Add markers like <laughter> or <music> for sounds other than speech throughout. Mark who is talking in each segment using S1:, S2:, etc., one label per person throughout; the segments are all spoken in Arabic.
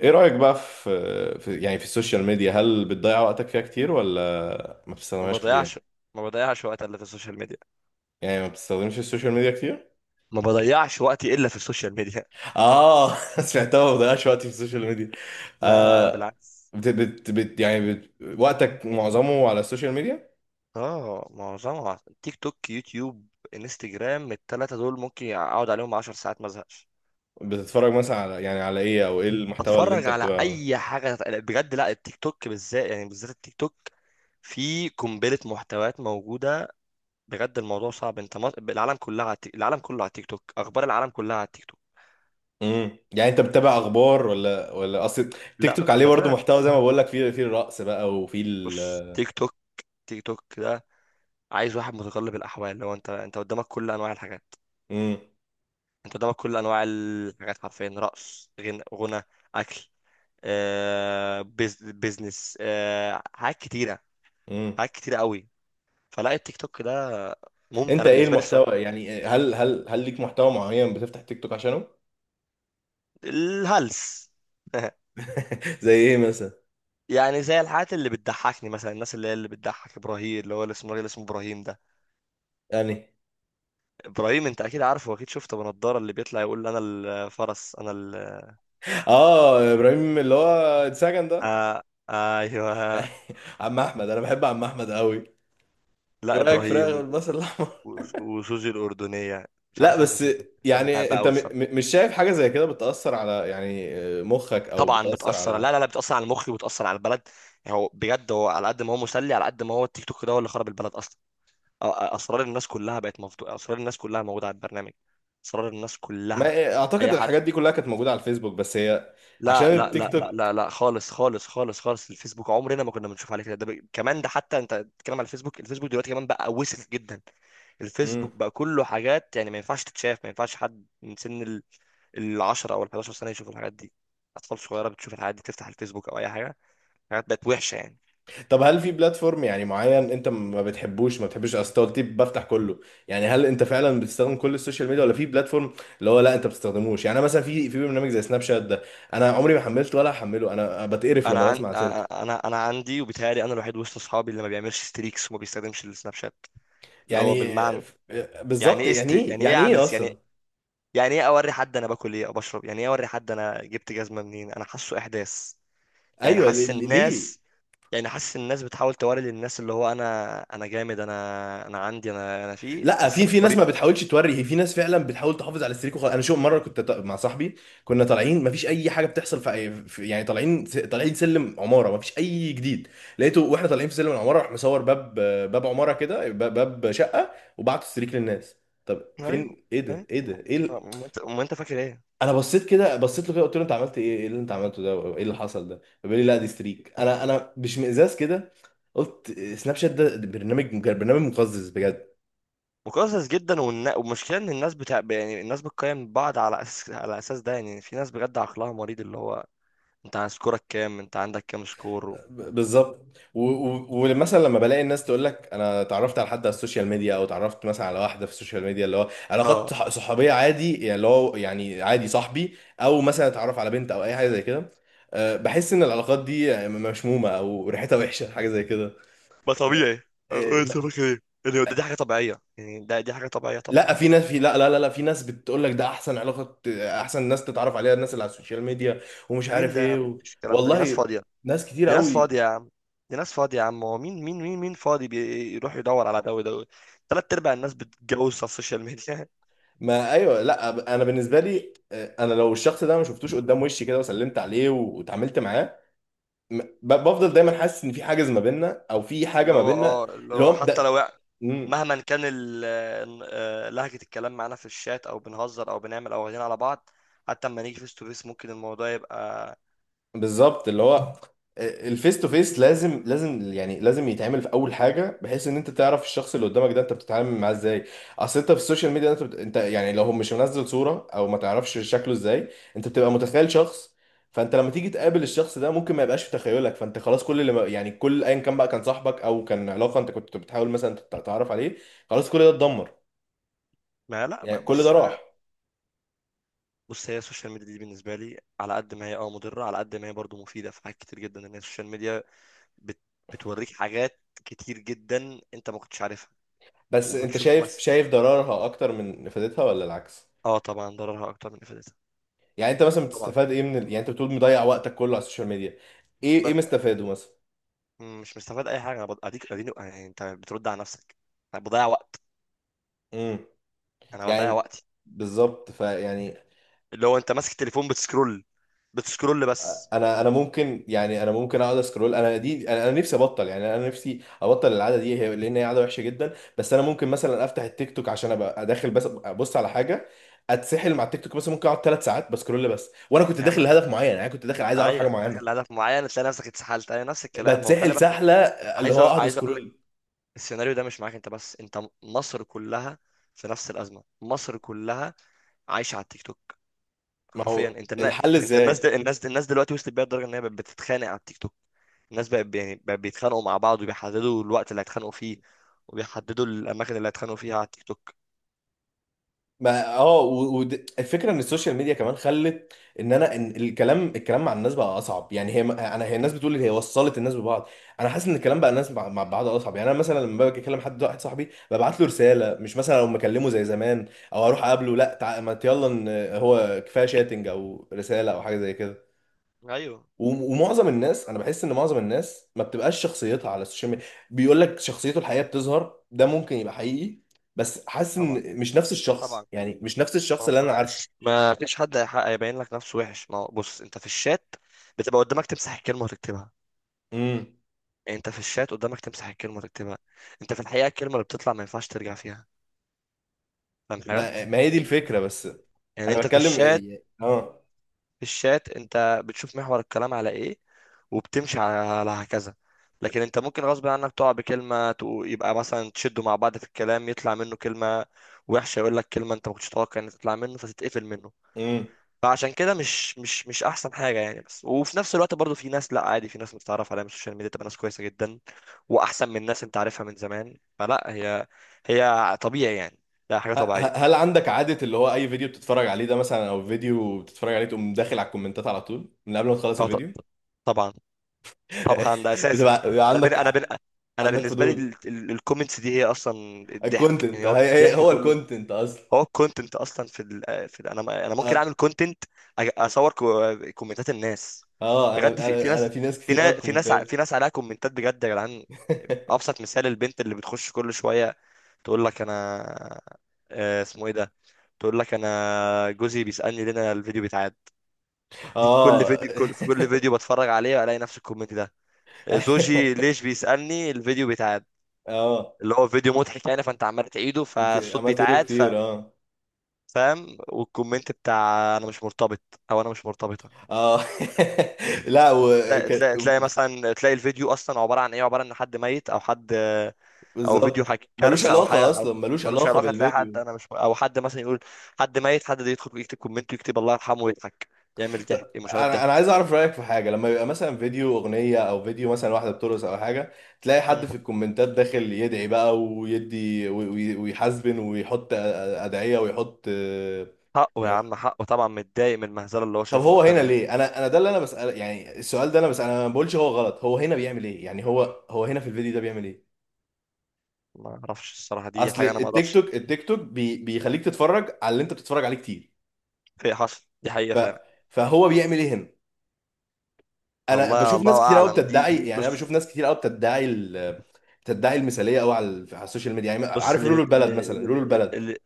S1: ايه رأيك بقى في يعني في السوشيال ميديا؟ هل بتضيع وقتك فيها كتير ولا ما
S2: ما
S1: بتستخدمهاش كتير؟
S2: بضيعش ما بضيعش وقت الا في السوشيال ميديا.
S1: يعني ما بتستخدمش السوشيال ميديا كتير؟
S2: ما بضيعش وقتي الا في السوشيال ميديا.
S1: اه. <laughs> سمعتها ما بضيعش وقتي في السوشيال ميديا.
S2: <laughs> لا لا، لا
S1: آه،
S2: بالعكس.
S1: بت بت بت يعني بت وقتك معظمه على السوشيال ميديا؟
S2: اه، معظمها تيك توك، يوتيوب، انستجرام. التلاتة دول ممكن اقعد عليهم 10 ساعات ما ازهقش.
S1: بتتفرج مثلا على ايه او ايه المحتوى اللي
S2: اتفرج
S1: انت
S2: على
S1: بتبقى؟
S2: اي حاجة بجد. لا التيك توك بالذات، يعني بالذات التيك توك. في قنبلة محتويات موجودة. بجد الموضوع صعب. العالم كلها على العالم كله على التيك توك. اخبار العالم كلها على التيك توك.
S1: يعني انت بتتابع اخبار ولا اصل تيك
S2: لا،
S1: توك عليه برضه
S2: بتابع.
S1: محتوى زي ما بقول لك، فيه الرقص بقى وفيه
S2: بص،
S1: ال...
S2: تيك توك، تيك توك ده عايز واحد متقلب الاحوال. لو انت قدامك كل انواع الحاجات، انت قدامك كل انواع الحاجات حرفيا. رقص، غنى، اكل، بيزنس، حاجات كتيره.
S1: امم
S2: حاجات كتيره قوي. فلا، التيك توك ده ممتع
S1: انت
S2: انا
S1: ايه
S2: بالنسبه لي الصراحه.
S1: المحتوى، يعني هل ليك محتوى معين بتفتح تيك توك عشانه؟
S2: الهلس.
S1: <laughs> زي ايه مثلا؟
S2: <laughs> يعني زي الحاجات اللي بتضحكني مثلا. الناس اللي هي اللي بتضحك، ابراهيم اللي هو الاسمراني، اللي اسمه، الراجل اسمه ابراهيم ده.
S1: يعني
S2: ابراهيم انت اكيد عارفه واكيد شفته، بنضاره، اللي بيطلع يقول انا الفرس، انا
S1: اه ابراهيم اللي هو اتسجن ده؟
S2: آه... آه، ايوه.
S1: <laughs> عم احمد، انا بحب عم احمد قوي.
S2: لا،
S1: ورايك فراخ
S2: ابراهيم.
S1: بالبصل الاحمر. <laughs>
S2: وسوزي الأردنية. مش
S1: لا
S2: عارف، ناس
S1: بس،
S2: بتحبها. أنا
S1: يعني
S2: بحبها
S1: انت
S2: أوي
S1: م
S2: الصراحة.
S1: م مش شايف حاجه زي كده بتاثر على، مخك او
S2: طبعا
S1: بتاثر
S2: بتأثر،
S1: على...
S2: لا لا لا، بتأثر على مخي وبتأثر على البلد. يعني هو بجد، هو على قد ما هو مسلي، على قد ما هو التيك توك ده هو اللي خرب البلد أصلا. أسرار الناس كلها بقت مفتوحة. أسرار الناس كلها موجودة على البرنامج. أسرار الناس
S1: ما
S2: كلها.
S1: آه،
S2: أي
S1: اعتقد
S2: حد.
S1: الحاجات دي كلها كانت موجوده على الفيسبوك، بس هي عشان
S2: لا لا
S1: التيك
S2: لا لا لا لا، خالص خالص خالص خالص. الفيسبوك عمرنا ما كنا بنشوف عليه كده. ده كمان، ده حتى أنت بتتكلم على الفيسبوك. الفيسبوك دلوقتي كمان بقى وسخ جدا.
S1: توك.
S2: الفيسبوك بقى كله حاجات يعني ما ينفعش تتشاف. ما ينفعش حد من سن العشرة او ال11 سنه يشوفوا الحاجات دي. اطفال صغيره بتشوف الحاجات دي، تفتح الفيسبوك او اي حاجه. الحاجات بقت وحشه يعني.
S1: طب هل في بلاتفورم يعني معين انت ما بتحبش؟ اصل أنت قلت لي بفتح كله. يعني هل انت فعلا بتستخدم كل السوشيال ميديا ولا في بلاتفورم اللي هو لا انت ما بتستخدموش؟ يعني انا مثلا في برنامج زي سناب شات ده انا عمري ما حملته ولا هحمله، انا بتقرف لما
S2: انا عن...
S1: بسمع سيرته.
S2: انا انا عندي، وبيتهيألي انا الوحيد وسط اصحابي اللي ما بيعملش ستريكس وما بيستخدمش السناب شات. اللي هو
S1: يعني
S2: بالمعنى،
S1: ف-
S2: يعني
S1: بالظبط،
S2: ايه
S1: يعني ايه،
S2: يعني ايه
S1: يعني
S2: اعمل
S1: ايه اصلا؟
S2: يعني، يعني ايه اوري حد انا باكل ايه او بشرب، يعني ايه اوري حد انا جبت جزمه منين، انا حاسه احداث. يعني
S1: ايوه
S2: حاسس
S1: ليه؟
S2: الناس يعني حاسس الناس بتحاول توري للناس اللي هو انا، انا جامد، انا عندي، انا فيه،
S1: لا
S2: بس
S1: في ناس ما
S2: بالطريقه.
S1: بتحاولش توري، هي في ناس فعلا بتحاول تحافظ على السريك وخلاص. انا شو مره كنت مع صاحبي، كنا طالعين ما فيش اي حاجه بتحصل في، طالعين، طالعين سلم عماره، ما فيش اي جديد. لقيته واحنا طالعين في سلم العماره راح مصور باب، باب عماره كده، باب شقه، وبعت السريك للناس. طب
S2: ايوه.
S1: فين؟ ايه ده،
S2: أيوه.
S1: ايه ده، ايه ال...؟
S2: ما انت فاكر ايه؟
S1: انا بصيت كده، بصيت له كده، قلت له انت عملت ايه اللي انت عملته ده، ايه اللي حصل ده؟ فبيقول لي لا دي ستريك. انا باشمئزاز كده قلت سناب شات ده برنامج مقزز بجد.
S2: مقزز جدا، والمشكله ان الناس بتاع، يعني الناس بتقيم بعض على اساس ده، يعني في ناس بجد عقلها مريض. اللي هو انت عن سكورك كام، انت عندك كام سكور
S1: بالظبط. ومثلا لما بلاقي الناس تقول لك انا اتعرفت على حد على السوشيال ميديا، او اتعرفت مثلا على واحده في السوشيال ميديا، اللي هو علاقات
S2: اه.
S1: صحوبيه عادي، يعني اللي هو يعني عادي صاحبي، او مثلا اتعرف على بنت او اي حاجه زي كده. أه، بحس ان العلاقات دي مشمومه او ريحتها وحشه حاجه زي كده.
S2: ما
S1: أه،
S2: طبيعي. أه، انت
S1: أه،
S2: فاكر ايه يعني؟ دي حاجه طبيعيه، يعني ده دي حاجه طبيعيه طبعا.
S1: لا في ناس، لا لا لا لا، في ناس بتقول لك ده احسن علاقه، احسن ناس تتعرف عليها الناس اللي على السوشيال ميديا، ومش
S2: مين
S1: عارف
S2: ده يا
S1: ايه
S2: عم،
S1: و...
S2: مفيش الكلام ده، دي ناس
S1: والله
S2: فاضيه.
S1: ناس كتير
S2: دي ناس فاضيه
S1: قوي.
S2: يا عم. دي ناس فاضيه يا عم. هو مين فاضي بيروح يدور على ده وده؟ ثلاث ارباع الناس بتتجوز على السوشيال ميديا.
S1: ما ايوه، لا انا بالنسبه لي آه، انا لو الشخص ده ما شفتوش قدام وشي كده وسلمت عليه واتعاملت معاه، بفضل دايما حاسس ان في حاجز ما بيننا او في حاجه
S2: اللي
S1: ما
S2: هو
S1: بيننا،
S2: اه اللي
S1: اللي
S2: هو
S1: هو
S2: حتى لو
S1: ده.
S2: يعني، مهما كان لهجة الكلام معانا في الشات، او بنهزر او بنعمل، او واخدين على بعض، حتى اما نيجي فيس تو فيس ممكن الموضوع يبقى.
S1: بالظبط، اللي هو الفيس تو فيس لازم، لازم يتعمل في اول حاجه بحيث ان انت تعرف الشخص اللي قدامك ده انت بتتعامل معاه ازاي. اصل انت في السوشيال ميديا انت بت... انت يعني لو هو مش منزل صوره او ما تعرفش شكله ازاي، انت بتبقى متخيل شخص، فانت لما تيجي تقابل الشخص ده ممكن ما يبقاش في تخيلك. فانت خلاص كل اللي ما... يعني كل، ايا كان بقى كان صاحبك او كان علاقه انت كنت بتحاول مثلا تعرف عليه، خلاص كل ده اتدمر،
S2: ما لا،
S1: يعني كل ده
S2: بص،
S1: راح.
S2: بص هي السوشيال ميديا دي بالنسبة لي، على قد ما هي اه مضرة، على قد ما هي برضو مفيدة في حاجات كتير جدا. ان هي السوشيال ميديا بت... بتوريك حاجات كتير جدا انت ما كنتش عارفها،
S1: بس انت
S2: وبتشوف
S1: شايف
S2: مثلا.
S1: شايف ضررها اكتر من فائدتها ولا العكس؟
S2: اه طبعا، ضررها اكتر من افادتها.
S1: يعني انت مثلا
S2: طبعا.
S1: بتستفاد ايه من ال...؟ يعني انت بتقول مضيع وقتك كله على السوشيال ميديا، ايه
S2: ب...
S1: مستفاده مثلا؟
S2: مش مستفاد اي حاجة. انا اديك، اديني يعني، انت بترد على نفسك. أنا بضيع وقت.
S1: امم
S2: انا بضيع
S1: يعني
S2: وقتي.
S1: بالظبط، فيعني
S2: اللي هو انت ماسك تليفون بتسكرول بس.
S1: انا ممكن، يعني انا ممكن اقعد اسكرول. انا دي انا نفسي ابطل، يعني انا نفسي ابطل العاده دي، هي لان هي عاده وحشه جدا. بس انا ممكن مثلا افتح التيك توك عشان ابقى داخل بس ابص على حاجه، اتسحل مع التيك توك، مثلا ممكن اقعد 3 ساعات بسكرول بس وانا كنت
S2: يا عم
S1: داخل
S2: انا،
S1: لهدف معين، يعني كنت داخل عايز اعرف
S2: ايوه،
S1: حاجه
S2: دخل
S1: معينه.
S2: هدف معين تلاقي نفسك اتسحلت، ايوه نفس الكلام، ما هو خلي
S1: بتسحل
S2: بالك.
S1: سحله اللي هو اقعد
S2: عايز اقول لك،
S1: سكرول.
S2: السيناريو ده مش معاك انت بس، انت مصر كلها في نفس الازمه. مصر كلها عايشه على التيك توك
S1: ما
S2: حرفيا.
S1: هو
S2: انت النا...
S1: الحل
S2: انت الناس
S1: ازاي؟
S2: دل... الناس الناس دلوقتي وصلت بيها لدرجه ان هي بقت بتتخانق على التيك توك. الناس بقت يعني بقت بيتخانقوا مع بعض، وبيحددوا الوقت اللي هيتخانقوا فيه، وبيحددوا الاماكن اللي هيتخانقوا فيها على التيك توك.
S1: ما اه، والفكره ان السوشيال ميديا كمان خلت ان انا ان الكلام الكلام مع الناس بقى اصعب، يعني هي ما- انا هي الناس بتقول هي وصلت الناس ببعض. انا حاسس ان الكلام بقى الناس مع بعض اصعب، يعني انا مثلا لما باجي اكلم حد واحد صاحبي ببعت له رساله مش مثلا لو مكلمه زي زمان، او اروح اقابله، لا ما يلا إن هو كفايه شاتنج او رساله او حاجه زي كده.
S2: ايوه.
S1: ومعظم الناس انا بحس ان معظم الناس ما بتبقاش شخصيتها على السوشيال ميديا. بيقول لك شخصيته الحقيقيه بتظهر، ده ممكن يبقى حقيقي، بس حاسس
S2: طبعا.
S1: ان مش نفس الشخص،
S2: طبعا،
S1: يعني مش نفس
S2: ما
S1: الشخص
S2: هو
S1: اللي انا عارفه.
S2: معلش، ما فيش حد هيبين لك نفسه وحش. ما هو بص، انت في الشات بتبقى قدامك تمسح الكلمه وتكتبها.
S1: امم.
S2: يعني انت في الشات قدامك تمسح الكلمه وتكتبها. انت في الحقيقه الكلمه اللي بتطلع ما ينفعش ترجع فيها. فاهم حاجه؟
S1: ما هي دي الفكره بس.
S2: يعني
S1: انا
S2: انت في
S1: بتكلم.
S2: الشات
S1: اه.
S2: في الشات انت بتشوف محور الكلام على ايه، وبتمشي على هكذا. لكن انت ممكن غصب عنك تقع بكلمه، يبقى مثلا تشدوا مع بعض في الكلام، يطلع منه كلمه وحشه، يقول لك كلمه انت ما كنتش تتوقع ان تطلع منه فتتقفل منه.
S1: امم.
S2: فعشان كده مش احسن حاجه يعني. بس وفي نفس الوقت برضو في ناس، لا عادي، في ناس متعرف عليها من السوشيال ميديا تبقى ناس كويسه جدا واحسن من ناس انت عارفها من زمان، فلا هي، هي طبيعي يعني. ده حاجه طبيعيه.
S1: هل عندك عاده اللي هو اي فيديو بتتفرج عليه ده مثلا، او فيديو بتتفرج عليه تقوم داخل على الكومنتات على طول من قبل ما تخلص
S2: اه،
S1: الفيديو؟
S2: طبعا. طبعا ده
S1: <laughs>
S2: اساسي.
S1: بيبقى
S2: انا بن... انا
S1: عندك؟
S2: بن... انا
S1: عندك
S2: بالنسبه لي
S1: فضول؟
S2: الكومنتس دي هي اصلا الضحك،
S1: الكونتنت،
S2: يعني هو
S1: هي هي-
S2: الضحك
S1: هو
S2: كله.
S1: الكونتنت اصلا.
S2: هو الكونتنت اصلا في ال في ال، انا انا ممكن اعمل كونتنت، اصور كومنتات الناس.
S1: اه انا
S2: بجد في, في
S1: انا انا
S2: ناس
S1: في ناس
S2: في
S1: كتير قوي
S2: ناس في ناس ع- في
S1: كومنتات.
S2: ناس عليها كومنتات، بجد يا جدعان.
S1: <laughs>
S2: ابسط مثال البنت اللي بتخش كل شويه تقول لك انا، اسمه ايه ده، تقول لك انا جوزي بيسالني ليه انا الفيديو بيتعاد. دي في كل
S1: اه.
S2: فيديو، كل فيديو بتفرج عليه الاقي نفس الكومنت ده.
S1: <laughs>
S2: زوجي
S1: ايوه.
S2: ليش بيسالني الفيديو بيتعاد.
S1: اه
S2: اللي هو فيديو مضحك يعني، فانت عمال تعيده فالصوت
S1: عملت له
S2: بيتعاد.
S1: كتير. اه،
S2: فاهم؟ والكومنت بتاع انا مش مرتبط، او انا مش مرتبطه.
S1: اه. <laughs> لا،
S2: تلاقي تلاقي
S1: وكان
S2: تلاقي مثلا، تلاقي الفيديو اصلا عباره عن ايه، عباره عن حد ميت او حد، او فيديو
S1: بالظبط
S2: حاجة
S1: ملوش
S2: كارثه او
S1: علاقة
S2: حاجه،
S1: أصلا،
S2: او
S1: ملوش
S2: ملوش
S1: علاقة
S2: علاقه. تلاقي حد
S1: بالفيديو.
S2: انا مش، او حد مثلا يقول حد ميت، حد ده يدخل يكتب كومنت ويكتب الله يرحمه ويضحك، يعمل ضحك،
S1: ط-
S2: مشاهدات،
S1: أنا عايز
S2: ضحك.
S1: أعرف رأيك في حاجة. لما يبقى مثلا فيديو أغنية، أو فيديو مثلا واحدة بترقص أو حاجة، تلاقي حد في
S2: مم.
S1: الكومنتات داخل يدعي بقى ويدي ويحزبن ويحط أدعية ويحط.
S2: حقه يا عم، حقه طبعا، متضايق من المهزله اللي هو
S1: طب
S2: شايفها
S1: هو
S2: قدام
S1: هنا
S2: عينه.
S1: ليه؟ انا ده اللي انا بسأل، يعني السؤال ده. انا بس انا ما بقولش هو غلط، هو هنا بيعمل ايه؟ يعني هو هنا في الفيديو ده بيعمل ايه؟
S2: ما اعرفش الصراحه، دي
S1: اصل
S2: حاجه انا ما
S1: التيك
S2: اقدرش.
S1: توك، بيخليك تتفرج على اللي انت بتتفرج عليه كتير،
S2: في، حصل، دي حقيقه
S1: ف
S2: فعلا.
S1: فهو بيعمل ايه هنا؟ انا
S2: الله،
S1: بشوف ناس
S2: الله
S1: كتير قوي
S2: اعلم. دي
S1: بتدعي،
S2: دي
S1: يعني انا بشوف
S2: بص.
S1: ناس كتير قوي بتدعي ال-، بتدعي المثاليه قوي على السوشيال ميديا، يعني
S2: بص
S1: عارف
S2: اللي
S1: لولو
S2: بت...
S1: البلد
S2: اللي,
S1: مثلا، لولو البلد.
S2: اللي,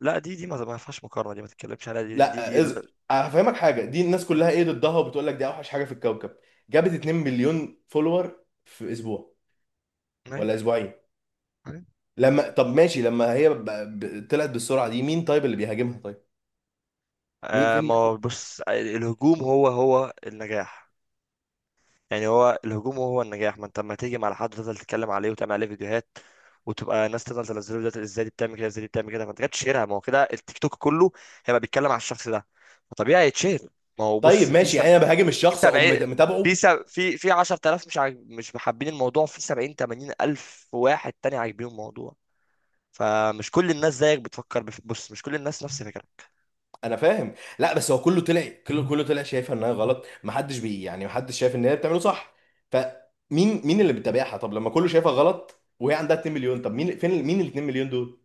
S2: لا دي ما فيهاش مقارنه، دي ما تتكلمش عليها دي، لأن دي
S1: لا
S2: دي لا-
S1: هفهمك حاجه. دي الناس كلها ايه ضدها وبتقول لك دي اوحش حاجه في الكوكب، جابت 2 مليون فولور في اسبوع
S2: أيوة،
S1: ولا اسبوعين.
S2: أيوة.
S1: لما طب ماشي، لما هي طلعت بالسرعه دي، مين طيب اللي بيهاجمها؟ طيب مين؟ فين
S2: ما
S1: الناس
S2: هو
S1: اللي...؟
S2: بص، الهجوم هو هو النجاح، يعني هو الهجوم هو النجاح. ما انت لما تيجي مع حد وتفضل تتكلم عليه وتعمل عليه فيديوهات، وتبقى ناس تفضل تنزله فيديوهات، ازاي دي بتعمل كده، ازاي دي بتعمل كده، ما انت جاتش شيرها. ما هو كده، التيك توك كله هيبقى بيتكلم على الشخص ده فطبيعي يتشهر. ما هو
S1: طيب
S2: بص، في
S1: ماشي،
S2: سب...
S1: يعني انا بهاجم
S2: في
S1: الشخص اقوم
S2: سبعين
S1: متابعه؟
S2: في سب... في في 10000 مش محبين الموضوع، في 70 80 الف واحد تاني عاجبين الموضوع. فمش كل الناس زيك بتفكر، بص، مش كل الناس نفس فكرك.
S1: انا فاهم. لا بس هو كله طلع، كله طلع شايفها انها غلط، ما حدش بي يعني ما حدش شايف ان هي بتعمله صح، فمين؟ مين اللي بيتابعها؟ طب لما كله شايفها غلط وهي عندها 2 مليون، طب مين؟ ال 2 مليون دول؟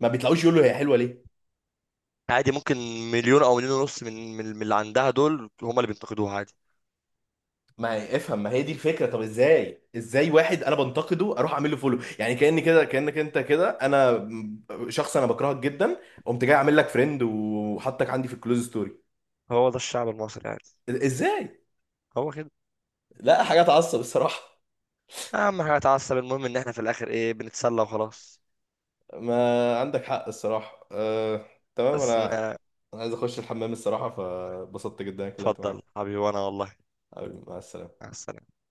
S1: ما بيطلعوش يقولوا هي حلوه ليه.
S2: عادي، ممكن مليون او مليون ونص من اللي عندها دول هم اللي بينتقدوها، عادي.
S1: ما افهم، ما هي دي الفكره. طب ازاي واحد انا بنتقده اروح اعمل له فولو؟ يعني كاني كده، كانك انت كده انا شخص انا بكرهك جدا، قمت جاي اعمل لك فريند وحطك عندي في الكلوز ستوري؟
S2: هو ده الشعب المصري، عادي،
S1: ازاي؟
S2: هو كده.
S1: لا حاجه تعصب الصراحه.
S2: اهم حاجه اتعصب، المهم ان احنا في الاخر ايه؟ بنتسلى وخلاص.
S1: ما عندك حق الصراحه، أه... تمام.
S2: بس
S1: انا
S2: ما،
S1: أنا عايز اخش الحمام الصراحه، فبسطت جدا إني اتكلمت
S2: اتفضل
S1: معاك.
S2: حبيبي، وانا والله.
S1: حبيبي، مع السلامه.
S2: مع السلامة.